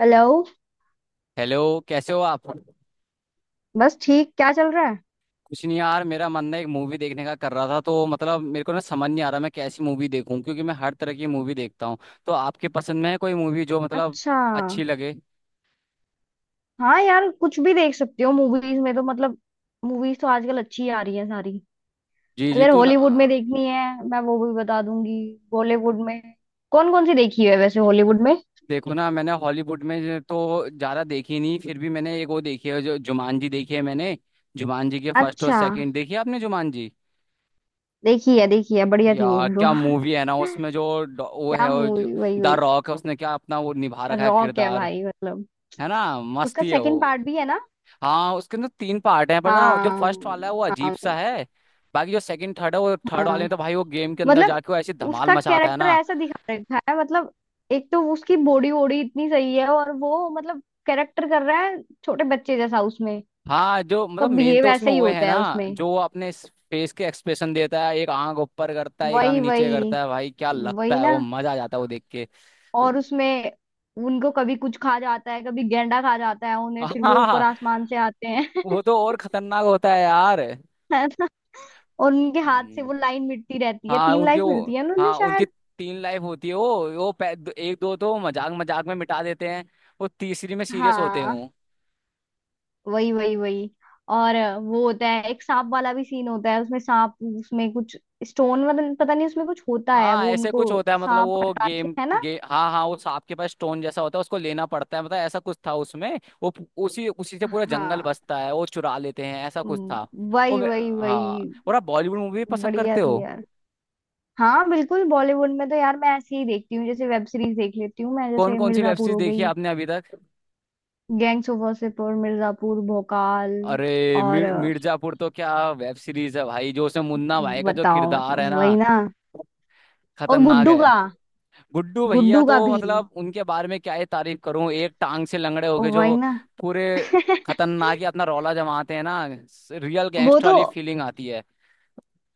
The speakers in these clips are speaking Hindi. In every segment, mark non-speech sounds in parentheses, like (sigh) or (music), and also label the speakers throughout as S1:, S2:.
S1: हेलो।
S2: हेलो। कैसे हो आप।
S1: बस ठीक। क्या चल रहा है?
S2: कुछ नहीं यार, मेरा मन ना एक मूवी देखने का कर रहा था तो मतलब मेरे को ना समझ नहीं आ रहा मैं कैसी मूवी देखूं, क्योंकि मैं हर तरह की मूवी देखता हूँ। तो आपके पसंद में है कोई मूवी जो मतलब
S1: अच्छा।
S2: अच्छी लगे।
S1: हाँ यार, कुछ भी देख सकती हो मूवीज में तो मतलब मूवीज तो आजकल अच्छी आ रही है सारी।
S2: जी जी
S1: अगर
S2: तो ना।
S1: हॉलीवुड में देखनी है मैं वो भी बता दूंगी, बॉलीवुड में। कौन कौन सी देखी है वैसे हॉलीवुड में?
S2: देखो ना, मैंने हॉलीवुड में तो ज़्यादा देखी नहीं, फिर भी मैंने एक वो देखी है, जो जुमानजी देखी है मैंने। जुमानजी के फर्स्ट और
S1: अच्छा,
S2: सेकंड देखी है आपने जुमानजी?
S1: देखी है देखी है, बढ़िया थी
S2: यार
S1: मूवी वो।
S2: क्या मूवी है ना,
S1: (laughs)
S2: उसमें जो वो
S1: क्या
S2: है वो
S1: मूवी, वही
S2: द
S1: वही।
S2: रॉक है, उसने क्या अपना वो निभा रखा है
S1: रॉक है
S2: किरदार।
S1: भाई मतलब।
S2: है ना,
S1: उसका
S2: मस्ती है
S1: सेकंड
S2: वो।
S1: पार्ट भी है ना।
S2: हाँ, उसके अंदर तीन पार्ट हैं, पर ना जो
S1: हाँ
S2: फर्स्ट वाला है वो अजीब
S1: हाँ
S2: सा है। बाकी जो सेकंड थर्ड है, वो थर्ड
S1: हाँ।
S2: वाले में तो भाई वो गेम के अंदर
S1: मतलब
S2: जाके वो ऐसी धमाल
S1: उसका
S2: मचाता है
S1: कैरेक्टर
S2: ना।
S1: ऐसा दिखा रखा है मतलब, एक तो उसकी बॉडी वॉडी इतनी सही है और वो मतलब कैरेक्टर कर रहा है छोटे बच्चे जैसा उसमें,
S2: हाँ, जो
S1: तो
S2: मतलब मेन
S1: बिहेव
S2: तो उसमें
S1: ऐसे ही
S2: वो है
S1: होता
S2: ना,
S1: है उसमें।
S2: जो वो अपने फेस के एक्सप्रेशन देता है, एक आंख ऊपर करता है, एक आंख
S1: वही
S2: नीचे
S1: वही।
S2: करता है, भाई क्या लगता
S1: वही
S2: है,
S1: ना।
S2: वो मजा आ जाता है वो देख के।
S1: और उसमें उनको कभी कुछ खा जाता है, कभी गेंडा खा जाता है उन्हें, फिर वो ऊपर
S2: हाँ,
S1: आसमान से आते हैं।
S2: वो तो और खतरनाक होता है यार।
S1: (laughs) है ना। और उनके हाथ से
S2: हम्म,
S1: वो लाइन मिटती रहती है,
S2: हाँ
S1: तीन
S2: उनके
S1: लाइफ
S2: वो।
S1: मिलती है ना उन्हें
S2: हाँ, उनकी
S1: शायद।
S2: तीन लाइफ होती है, एक दो तो मजाक मजाक में मिटा देते हैं। वो तीसरी में सीरियस होते
S1: हाँ
S2: हैं।
S1: वही वही वही। और वो होता है एक सांप वाला भी सीन होता है उसमें, सांप उसमें कुछ स्टोन, मतलब पता नहीं उसमें कुछ होता है
S2: हाँ,
S1: वो
S2: ऐसे
S1: उनको।
S2: कुछ होता है, मतलब
S1: सांप
S2: वो
S1: हटा के,
S2: गेम
S1: है ना।
S2: गे, हाँ हाँ, वो सांप के पास स्टोन जैसा होता है, उसको लेना पड़ता है, मतलब ऐसा कुछ था उसमें, वो उसी उसी से पूरा जंगल
S1: हाँ।
S2: बसता है, वो चुरा लेते हैं, ऐसा कुछ था।
S1: हम्म।
S2: वो
S1: वही वही
S2: हाँ,
S1: वही।
S2: और आप बॉलीवुड मूवी पसंद
S1: बढ़िया
S2: करते
S1: थी
S2: हो?
S1: यार। हाँ बिल्कुल, बॉलीवुड में तो यार मैं ऐसे ही देखती हूँ, जैसे वेब सीरीज देख लेती हूँ मैं,
S2: कौन
S1: जैसे
S2: कौन सी वेब
S1: मिर्जापुर
S2: सीरीज
S1: हो
S2: देखी है
S1: गई,
S2: आपने अभी तक?
S1: Gangs of Wasseypur, Mirzapur, Bhaukaal.
S2: अरे
S1: और
S2: मिर्जापुर तो क्या वेब सीरीज है भाई, जो उसमें मुन्ना भाई का जो
S1: बताओ
S2: किरदार है
S1: मतलब,
S2: ना,
S1: वही ना। और
S2: खतरनाक
S1: गुड्डू
S2: है।
S1: का।
S2: गुड्डू भैया
S1: गुड्डू
S2: तो
S1: का भी
S2: मतलब उनके बारे में क्या ही तारीफ करूं, एक टांग से लंगड़े हो गए जो,
S1: वही ना।
S2: पूरे खतरनाक ही अपना रौला जमाते हैं ना, रियल
S1: वो
S2: गैंगस्टर
S1: तो,
S2: वाली फीलिंग आती है।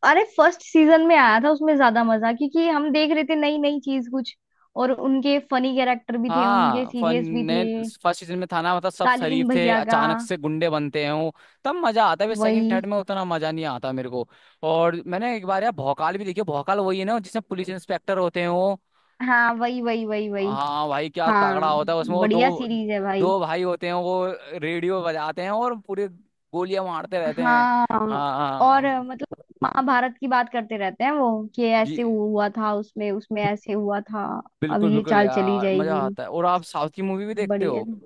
S1: अरे फर्स्ट सीजन में आया था उसमें ज्यादा मजा क्योंकि हम देख रहे थे नई नई चीज कुछ, और उनके फनी कैरेक्टर भी थे उनके
S2: हाँ फन
S1: सीरियस भी
S2: ने
S1: थे।
S2: फर्स्ट सीजन में था ना, मतलब सब
S1: कालीन
S2: शरीफ थे,
S1: भैया का।
S2: अचानक से गुंडे बनते हैं वो, तब मजा आता है। सेकंड
S1: वही।
S2: थर्ड में उतना मजा नहीं आता मेरे को। और मैंने एक बार यार भौकाल भी देखी। भौकाल वही है ना जिसमें पुलिस इंस्पेक्टर होते हैं वो?
S1: हाँ वही वही वही वही।
S2: हाँ भाई क्या
S1: हाँ
S2: तगड़ा होता है, उसमें वो
S1: बढ़िया
S2: दो,
S1: सीरीज है भाई।
S2: दो भाई होते हैं वो, रेडियो बजाते हैं और पूरे गोलियां मारते रहते हैं।
S1: हाँ
S2: हाँ
S1: और
S2: हाँ।
S1: मतलब, महाभारत की बात करते रहते हैं वो कि
S2: जी,
S1: ऐसे हुआ था उसमें, उसमें ऐसे हुआ था। अब
S2: बिल्कुल
S1: ये
S2: बिल्कुल
S1: चाल चली
S2: यार, मजा
S1: जाएगी।
S2: आता है। और आप साउथ की मूवी भी देखते
S1: बढ़िया
S2: हो?
S1: थी।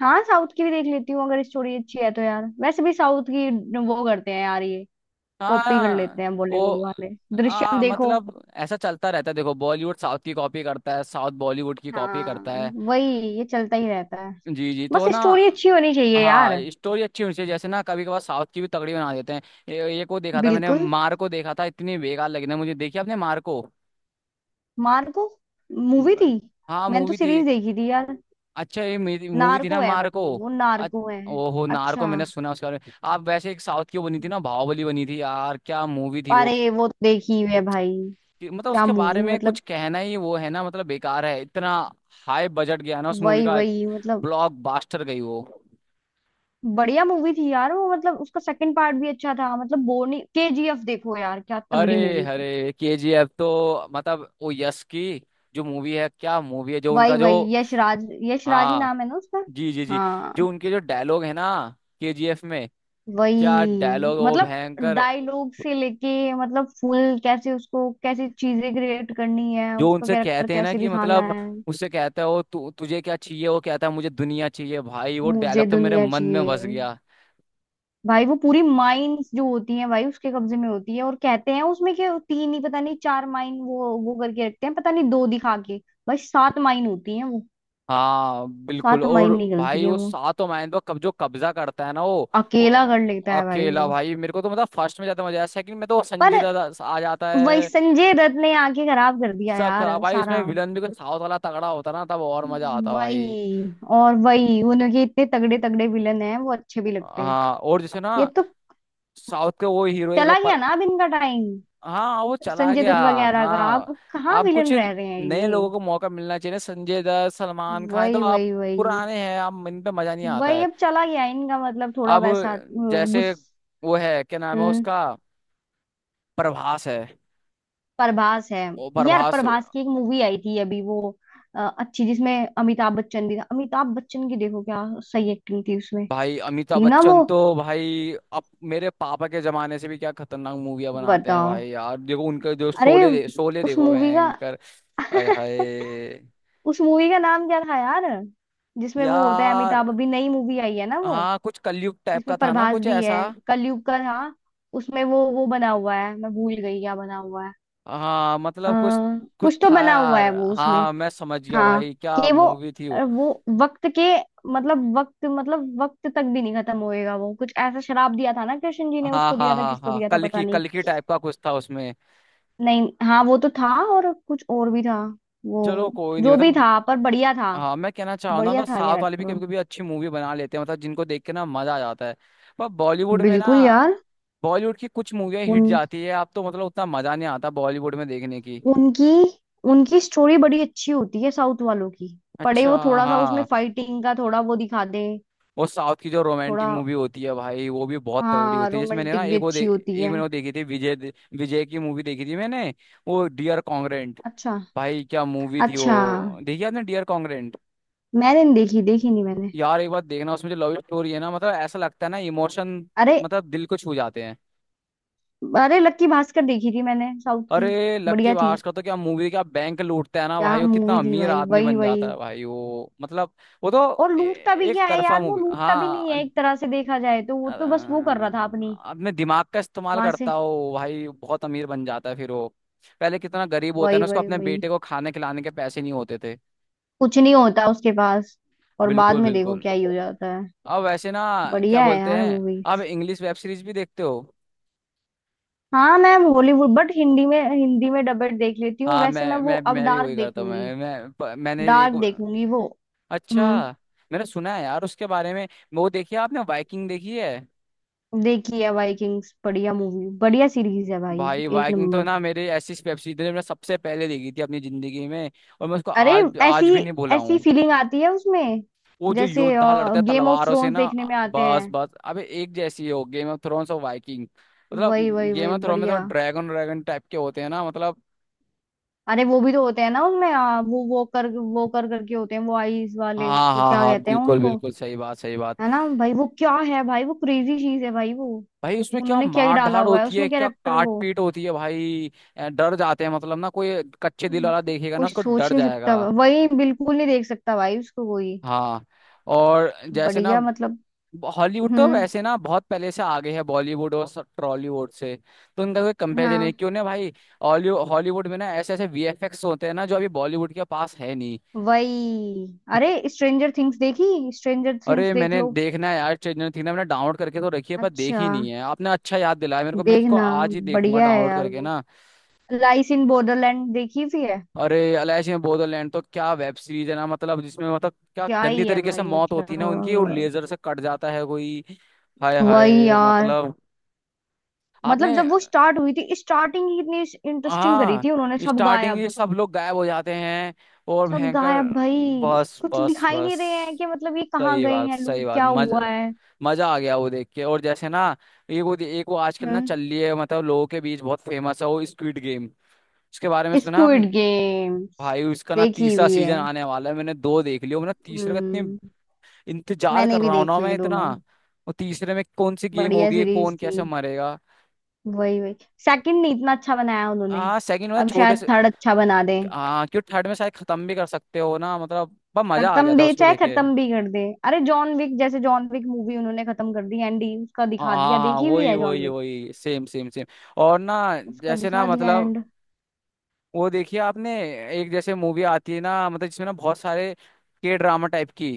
S1: हाँ साउथ की भी देख लेती हूँ अगर स्टोरी अच्छी है तो यार, वैसे भी साउथ की वो करते हैं यार, ये कॉपी कर
S2: हाँ।
S1: लेते हैं
S2: वो
S1: बॉलीवुड वाले। दृश्यम देखो।
S2: मतलब ऐसा चलता रहता है, देखो बॉलीवुड साउथ की कॉपी करता है, साउथ बॉलीवुड की कॉपी
S1: हाँ
S2: करता है।
S1: वही, ये चलता ही रहता है।
S2: जी जी तो
S1: बस
S2: ना।
S1: स्टोरी अच्छी होनी चाहिए यार।
S2: हाँ, स्टोरी अच्छी होनी चाहिए। जैसे ना कभी कभार साउथ की भी तगड़ी बना देते हैं। ये को देखा था मैंने,
S1: बिल्कुल।
S2: मार को देखा था, इतनी बेकार लगी ना मुझे। देखी आपने मार को?
S1: मार्को मूवी
S2: म-
S1: थी।
S2: हाँ
S1: मैंने तो
S2: मूवी थी।
S1: सीरीज देखी थी यार।
S2: अच्छा ये मूवी थी
S1: नार्को
S2: ना
S1: है बट
S2: मार्को?
S1: वो
S2: अ-
S1: नार्को है।
S2: ओ हो, नार्को,
S1: अच्छा।
S2: मैंने सुना उसके बारे में। आप वैसे एक साउथ की वो बनी थी ना बाहुबली बनी थी, यार क्या मूवी थी वो।
S1: अरे वो तो देखी हुई है भाई।
S2: मतलब
S1: क्या
S2: उसके बारे
S1: मूवी
S2: में कुछ
S1: मतलब।
S2: कहना ही वो है ना, मतलब बेकार है, इतना हाई बजट गया ना उस मूवी
S1: वही
S2: का,
S1: वही मतलब।
S2: ब्लॉक बास्टर गई वो।
S1: बढ़िया मूवी थी यार वो, मतलब उसका सेकंड पार्ट भी अच्छा था, मतलब बोर नहीं। केजीएफ देखो यार, क्या
S2: अरे
S1: तगड़ी मूवी थी।
S2: अरे, केजीएफ तो मतलब वो यश की जो मूवी है, क्या मूवी है, जो उनका
S1: वही
S2: जो।
S1: वही। यशराज, यशराज ही
S2: हाँ,
S1: नाम है ना उसका?
S2: जी जी जी।
S1: हाँ।
S2: जो उनके जो डायलॉग है ना केजीएफ में, क्या
S1: वही।
S2: डायलॉग, वो
S1: मतलब
S2: भयंकर।
S1: डायलॉग से लेके मतलब फुल, कैसे उसको कैसी चीजें क्रिएट करनी है,
S2: जो
S1: उसका
S2: उनसे
S1: कैरेक्टर
S2: कहते हैं ना
S1: कैसे
S2: कि
S1: दिखाना
S2: मतलब
S1: है।
S2: उससे कहता है वो तुझे क्या चाहिए, वो कहता है मुझे दुनिया चाहिए, भाई वो
S1: मुझे
S2: डायलॉग तो मेरे
S1: दुनिया
S2: मन में
S1: चाहिए।
S2: बस गया।
S1: भाई वो पूरी माइंस जो होती हैं भाई उसके कब्जे में होती है, और कहते हैं उसमें कि तीन ही पता नहीं, चार माइन, वो करके रखते हैं पता नहीं, दो दिखा के। भाई सात माइन होती हैं वो।
S2: हाँ बिल्कुल।
S1: सात
S2: और
S1: माइन
S2: भाई
S1: निकलती है
S2: वो
S1: वो,
S2: सातों मायन पर कब जो कब्जा करता है ना वो
S1: अकेला कर लेता है भाई
S2: अकेला,
S1: वो।
S2: भाई मेरे को तो मतलब फर्स्ट में ज्यादा मजा आया। सेकंड में तो वो
S1: पर
S2: संजय दत्त आ जाता
S1: वही
S2: है,
S1: संजय दत्त ने आके खराब कर दिया
S2: सब
S1: यार
S2: खराब। भाई
S1: सारा।
S2: उसमें विलन भी कोई साउथ वाला तगड़ा होता ना, तब और मजा आता भाई।
S1: वही। और वही उनके इतने तगड़े तगड़े विलन हैं, वो अच्छे भी लगते हैं।
S2: हाँ, और जैसे
S1: ये
S2: ना
S1: तो
S2: साउथ के वो हीरो।
S1: चला गया ना, अब इनका टाइम।
S2: हाँ, वो चला
S1: संजय
S2: गया।
S1: दत्त वगैरह का,
S2: हाँ,
S1: अब कहाँ
S2: आप कुछ
S1: विलन रह रहे हैं
S2: नए
S1: ये।
S2: लोगों को मौका मिलना चाहिए ना, संजय दत्त, सलमान खान, ये तो
S1: वही
S2: आप
S1: वही वही
S2: पुराने हैं, आप इन पे मजा नहीं आता
S1: वही।
S2: है।
S1: अब चला गया इनका, मतलब थोड़ा
S2: अब
S1: वैसा अ,
S2: जैसे
S1: गुस
S2: वो है क्या नाम है
S1: हम्म।
S2: उसका, प्रभास है।
S1: प्रभास है।
S2: ओ
S1: यार
S2: प्रभास हो
S1: प्रभास
S2: गया।
S1: की एक मूवी आई थी अभी वो अच्छी, जिसमें अमिताभ बच्चन भी था, अमिताभ बच्चन की देखो क्या सही एक्टिंग थी उसमें।
S2: भाई अमिताभ
S1: थी ना वो।
S2: बच्चन तो भाई अब मेरे पापा के जमाने से भी क्या खतरनाक मूवियां बनाते हैं
S1: बताओ।
S2: भाई। यार देखो उनके जो
S1: अरे
S2: शोले
S1: उस
S2: देखो,
S1: मूवी का,
S2: भयंकर। हाय हाय,
S1: उस मूवी का नाम क्या था यार जिसमें वो होता है
S2: यार।
S1: अमिताभ? अभी नई मूवी आई है ना वो,
S2: हाँ, कुछ कलयुग टाइप
S1: जिसमें
S2: का था ना,
S1: प्रभास
S2: कुछ
S1: भी है।
S2: ऐसा।
S1: कलयुग का था। उसमें वो बना हुआ है, मैं भूल गई क्या बना हुआ है।
S2: हाँ,
S1: अ,
S2: मतलब कुछ कुछ
S1: कुछ तो
S2: था
S1: बना हुआ
S2: यार।
S1: है वो उसमें।
S2: हाँ, मैं समझ गया
S1: हाँ,
S2: भाई क्या
S1: कि वो
S2: मूवी थी वो।
S1: वो वक्त के मतलब, वक्त मतलब वक्त तक भी नहीं खत्म होएगा, वो कुछ ऐसा शराब दिया था ना कृष्ण जी ने,
S2: हाँ
S1: उसको
S2: हाँ
S1: दिया था
S2: हाँ
S1: किसको
S2: हाँ,
S1: दिया था पता नहीं।
S2: कल की टाइप का कुछ था उसमें।
S1: नहीं हाँ वो तो था, और कुछ और भी था वो,
S2: चलो कोई नहीं
S1: जो भी
S2: मतलब।
S1: था पर बढ़िया था।
S2: हाँ, मैं कहना चाह रहा ना,
S1: बढ़िया
S2: मतलब
S1: था
S2: साउथ वाले भी
S1: कैरेक्टर।
S2: कभी कभी अच्छी मूवी बना लेते हैं, मतलब जिनको देख के ना मजा आ जाता है। पर बॉलीवुड में ना,
S1: बिल्कुल यार।
S2: बॉलीवुड की कुछ मूवियाँ हिट
S1: उन
S2: जाती है, अब तो मतलब उतना मजा नहीं आता बॉलीवुड में देखने की।
S1: उनकी उनकी स्टोरी बड़ी अच्छी होती है साउथ वालों की। पड़े
S2: अच्छा।
S1: वो थोड़ा सा उसमें,
S2: हाँ,
S1: फाइटिंग का थोड़ा वो दिखा दे।
S2: वो साउथ की जो रोमांटिक
S1: थोड़ा
S2: मूवी होती है भाई वो भी बहुत तगड़ी
S1: हाँ,
S2: होती है। जैसे मैंने ना
S1: रोमांटिक भी अच्छी होती
S2: एक
S1: है।
S2: मैंने वो देखी थी विजय की मूवी देखी थी मैंने, वो डियर कॉन्ग्रेंट।
S1: अच्छा
S2: भाई क्या मूवी थी
S1: अच्छा।
S2: वो, देखी आपने डियर कॉन्ग्रेंट?
S1: मैंने नहीं देखी, देखी नहीं मैंने।
S2: यार एक बार देखना, उसमें जो लव स्टोरी है ना, मतलब ऐसा लगता है ना इमोशन,
S1: अरे।
S2: मतलब दिल को छू जाते हैं।
S1: अरे लक्की भास्कर देखी थी मैंने साउथ की।
S2: अरे लक्की
S1: बढ़िया थी।
S2: भास्कर का तो क्या मूवी, क्या बैंक लूटता है ना
S1: क्या
S2: भाई, वो कितना
S1: मूवी थी
S2: अमीर
S1: भाई,
S2: आदमी
S1: वही
S2: बन
S1: वही।
S2: जाता है भाई वो, मतलब वो तो
S1: और लूटता भी
S2: एक
S1: क्या है
S2: तरफा
S1: यार, वो
S2: मूवी।
S1: लूटता भी नहीं
S2: हाँ,
S1: है एक तरह से देखा जाए तो, वो
S2: अ,
S1: तो बस वो कर रहा था अपनी।
S2: अपने दिमाग का इस्तेमाल
S1: वहां से।
S2: करता हो भाई, बहुत अमीर बन जाता है फिर वो। पहले कितना गरीब होता है
S1: वही
S2: ना, उसको
S1: वही
S2: अपने
S1: वही।
S2: बेटे को खाने खिलाने के पैसे नहीं होते थे।
S1: कुछ नहीं होता उसके पास, और बाद
S2: बिल्कुल
S1: में देखो
S2: बिल्कुल।
S1: क्या ही हो जाता है।
S2: अब वैसे ना क्या
S1: बढ़िया है
S2: बोलते
S1: यार
S2: हैं,
S1: मूवी।
S2: अब इंग्लिश वेब सीरीज भी देखते हो?
S1: हाँ मैम हॉलीवुड बट हिंदी में डबल देख लेती हूँ
S2: हाँ,
S1: वैसे मैं,
S2: मैं
S1: वो
S2: मैं
S1: अब
S2: मैं भी
S1: डार्क
S2: वही करता हूँ।
S1: देखूंगी।
S2: मैंने
S1: डार्क
S2: एक।
S1: देखूंगी वो। हम्म।
S2: अच्छा। मैंने सुना है यार उसके बारे में। वो देखी है आपने, वाइकिंग देखी है?
S1: देखी है वाइकिंग्स, बढ़िया मूवी, बढ़िया सीरीज है भाई।
S2: भाई
S1: एक
S2: वाइकिंग तो
S1: नंबर।
S2: ना मेरे ऐसी वेब सीरीज है, मैंने सबसे पहले देखी थी अपनी जिंदगी में, और मैं उसको
S1: अरे
S2: आज आज
S1: ऐसी,
S2: भी नहीं भूला
S1: ऐसी
S2: हूँ।
S1: फीलिंग आती है उसमें
S2: वो जो
S1: जैसे
S2: योद्धा लड़ते हैं
S1: गेम ऑफ
S2: तलवारों से
S1: थ्रोन्स
S2: ना,
S1: देखने में आते
S2: बस
S1: हैं।
S2: बस, अबे एक जैसी ही हो गेम ऑफ थ्रोन्स और वाइकिंग। मतलब
S1: वही वही
S2: गेम
S1: वही
S2: ऑफ थ्रोन में थोड़ा
S1: बढ़िया।
S2: ड्रैगन ड्रैगन टाइप के होते हैं ना, मतलब।
S1: अरे वो भी तो होते हैं ना उनमें वो कर करके होते हैं वो, आईज वाले।
S2: हाँ
S1: वो
S2: हाँ
S1: क्या
S2: हाँ,
S1: कहते हैं
S2: बिल्कुल
S1: उनको।
S2: बिल्कुल, सही बात सही बात।
S1: है ना भाई, वो क्या है भाई, वो क्रेजी चीज है भाई वो।
S2: भाई उसमें क्या
S1: उन्होंने क्या ही
S2: मार
S1: डाला
S2: धाड़
S1: हुआ है
S2: होती है,
S1: उसमें
S2: क्या
S1: कैरेक्टर
S2: काट
S1: वो।
S2: पीट होती है भाई, डर जाते हैं, मतलब ना कोई कच्चे दिल वाला देखेगा ना
S1: कुछ
S2: उसको
S1: सोच
S2: डर
S1: नहीं सकता,
S2: जाएगा।
S1: वही बिल्कुल नहीं देख सकता भाई उसको कोई।
S2: हाँ, और जैसे ना
S1: बढ़िया मतलब।
S2: हॉलीवुड तो
S1: हम्म।
S2: वैसे ना बहुत पहले से आगे है बॉलीवुड और टॉलीवुड से, तो उनका कोई कंपेरिजन नहीं,
S1: हाँ
S2: क्यों ना भाई। हॉलीवुड में ना ऐसे ऐसे वीएफएक्स होते हैं ना, जो अभी बॉलीवुड के पास है नहीं।
S1: वही। अरे स्ट्रेंजर थिंग्स देखी, स्ट्रेंजर थिंग्स
S2: अरे,
S1: देख
S2: मैंने
S1: लो।
S2: देखना है यार ट्रेलर, थी ना, मैंने डाउनलोड करके तो रखी है, पर
S1: अच्छा
S2: देखी नहीं है। आपने अच्छा याद दिलाया मेरे को, मैं इसको
S1: देखना,
S2: आज ही देखूंगा
S1: बढ़िया है
S2: डाउनलोड
S1: यार
S2: करके
S1: वो।
S2: ना।
S1: लाइस इन बॉर्डरलैंड देखी भी है।
S2: अरे अलाइश इन बोडोलैंड तो क्या वेब सीरीज है ना, मतलब जिसमें मतलब क्या
S1: क्या
S2: गंदी
S1: ही है
S2: तरीके से
S1: भाई
S2: मौत होती है
S1: मतलब।
S2: ना उनकी, और लेजर से कट जाता है कोई, हाय
S1: वही
S2: हाय,
S1: यार।
S2: मतलब। आपने।
S1: मतलब जब वो स्टार्ट हुई थी, स्टार्टिंग ही इतनी इंटरेस्टिंग करी
S2: हाँ,
S1: थी उन्होंने, सब
S2: स्टार्टिंग में
S1: गायब।
S2: सब लोग गायब हो जाते हैं और
S1: सब
S2: भयंकर।
S1: गायब भाई,
S2: बस
S1: कुछ
S2: बस
S1: दिखाई
S2: बस,
S1: नहीं रहे हैं कि मतलब ये कहाँ
S2: सही
S1: गए
S2: बात
S1: हैं
S2: सही
S1: लोग,
S2: बात।
S1: क्या
S2: मज
S1: हुआ है।
S2: मजा आ गया वो देख के। और जैसे ना एक वो आजकल ना
S1: हम्म।
S2: चल रही है, मतलब लोगों के बीच बहुत फेमस है, वो स्क्विड गेम। उसके बारे में सुना आपने?
S1: स्क्विड गेम्स
S2: भाई उसका ना
S1: देखी
S2: तीसरा
S1: हुई है।
S2: सीजन आने वाला है, मैंने दो देख लिया, मैंने तीसरे का इतने
S1: हम्म।
S2: इंतजार
S1: मैंने
S2: कर
S1: भी
S2: रहा हूँ
S1: देख
S2: ना मैं
S1: लिए दोनों,
S2: इतना। वो तीसरे में कौन सी गेम
S1: बढ़िया
S2: होगी,
S1: सीरीज
S2: कौन
S1: थी।
S2: कैसे मरेगा।
S1: वही वही। सेकंड नहीं इतना अच्छा बनाया उन्होंने,
S2: हाँ सेकंड वाला
S1: अब
S2: छोटे
S1: शायद
S2: से।
S1: थर्ड अच्छा बना दे।
S2: हाँ क्यों, थर्ड में शायद खत्म भी कर सकते हो ना मतलब। बस मजा आ गया
S1: खत्म
S2: था
S1: भी
S2: उसको
S1: चाहे,
S2: देखे।
S1: खत्म भी कर दे। अरे जॉन विक, जैसे जॉन विक मूवी उन्होंने खत्म कर दी एंड उसका
S2: हाँ
S1: दिखा
S2: हाँ
S1: दिया,
S2: हाँ,
S1: देखी हुई
S2: वही
S1: है जॉन
S2: वही
S1: विक?
S2: वही, सेम सेम सेम। और ना
S1: उसका
S2: जैसे ना
S1: दिखा दिया
S2: मतलब,
S1: एंड।
S2: वो देखिए आपने एक जैसे मूवी आती है ना, मतलब जिसमें ना बहुत सारे के ड्रामा टाइप की।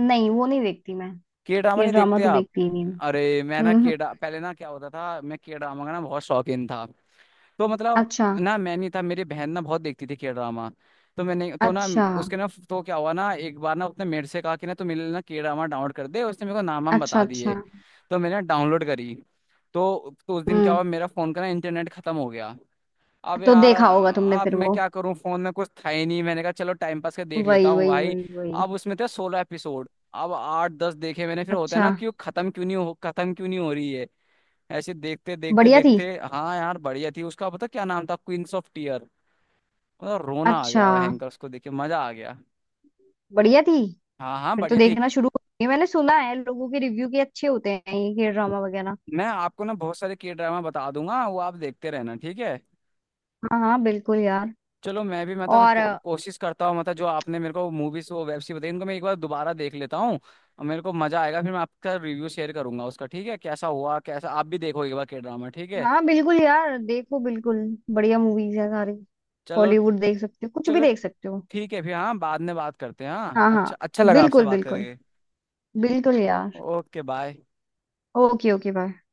S1: नहीं, वो नहीं देखती मैं।
S2: के ड्रामा
S1: ये
S2: नहीं
S1: ड्रामा
S2: देखते
S1: तो
S2: आप?
S1: देखती ही नहीं
S2: अरे मैं ना
S1: मैं। हम्म।
S2: के पहले ना क्या होता था, मैं के ड्रामा का ना बहुत शौकीन था, तो मतलब
S1: अच्छा
S2: ना मैं नहीं था, मेरी बहन ना बहुत देखती थी के ड्रामा, तो मैंने तो ना
S1: अच्छा।
S2: उसके ना, तो क्या हुआ ना, एक बार ना उसने मेरे से कहा कि ना तू मेरे लिए ना के ड्रामा डाउनलोड कर दे, उसने मेरे को नाम वाम
S1: अच्छा
S2: बता दिए,
S1: अच्छा।
S2: तो मैंने डाउनलोड करी। तो उस दिन क्या
S1: हम्म।
S2: हुआ, मेरा फोन का ना इंटरनेट खत्म हो गया। अब
S1: तो
S2: यार
S1: देखा होगा तुमने
S2: अब
S1: फिर
S2: मैं
S1: वो।
S2: क्या करूं, फोन में कुछ था ही नहीं, मैंने कहा चलो टाइम पास कर देख लेता
S1: वही
S2: हूँ
S1: वही
S2: भाई।
S1: वही वही।
S2: अब उसमें थे 16 एपिसोड। अब आठ दस देखे मैंने, फिर होता है
S1: अच्छा।
S2: ना, क्यों खत्म क्यों नहीं हो, खत्म क्यों नहीं हो रही है, ऐसे देखते देखते
S1: बढ़िया थी।
S2: देखते। हाँ यार बढ़िया थी, उसका पता क्या नाम था, क्वींस ऑफ टीयर। मतलब रोना आ
S1: अच्छा,
S2: गया, हैंकर्स को देख के मजा आ गया।
S1: बढ़िया थी।
S2: हाँ हाँ,
S1: फिर तो
S2: बढ़िया थी।
S1: देखना शुरू। ये मैंने सुना है लोगों के रिव्यू के अच्छे होते हैं ये के ड्रामा वगैरह।
S2: मैं आपको ना बहुत सारे के ड्रामा बता दूंगा, वो आप देखते रहना ठीक है।
S1: हाँ हाँ बिल्कुल यार।
S2: चलो मैं भी मतलब
S1: और
S2: कोशिश करता हूँ मतलब, जो आपने मेरे को मूवीज वो वेब सीरीज बताई, इनको मैं एक बार दोबारा देख लेता हूँ, और मेरे को मजा आएगा, फिर मैं आपका रिव्यू शेयर करूंगा उसका, ठीक है, कैसा हुआ कैसा। आप भी देखो एक बार के ड्रामा, ठीक है।
S1: हाँ बिल्कुल यार, देखो बिल्कुल। बढ़िया मूवीज है सारी।
S2: चलो
S1: हॉलीवुड देख सकते हो, कुछ भी
S2: चलो,
S1: देख सकते हो।
S2: ठीक है फिर। हाँ बाद में बात करते हैं। हाँ,
S1: हाँ हाँ
S2: अच्छा, अच्छा लगा आपसे
S1: बिल्कुल
S2: बात
S1: बिल्कुल,
S2: करके।
S1: बिल्कुल यार।
S2: Okay bye.
S1: Okay, okay bye.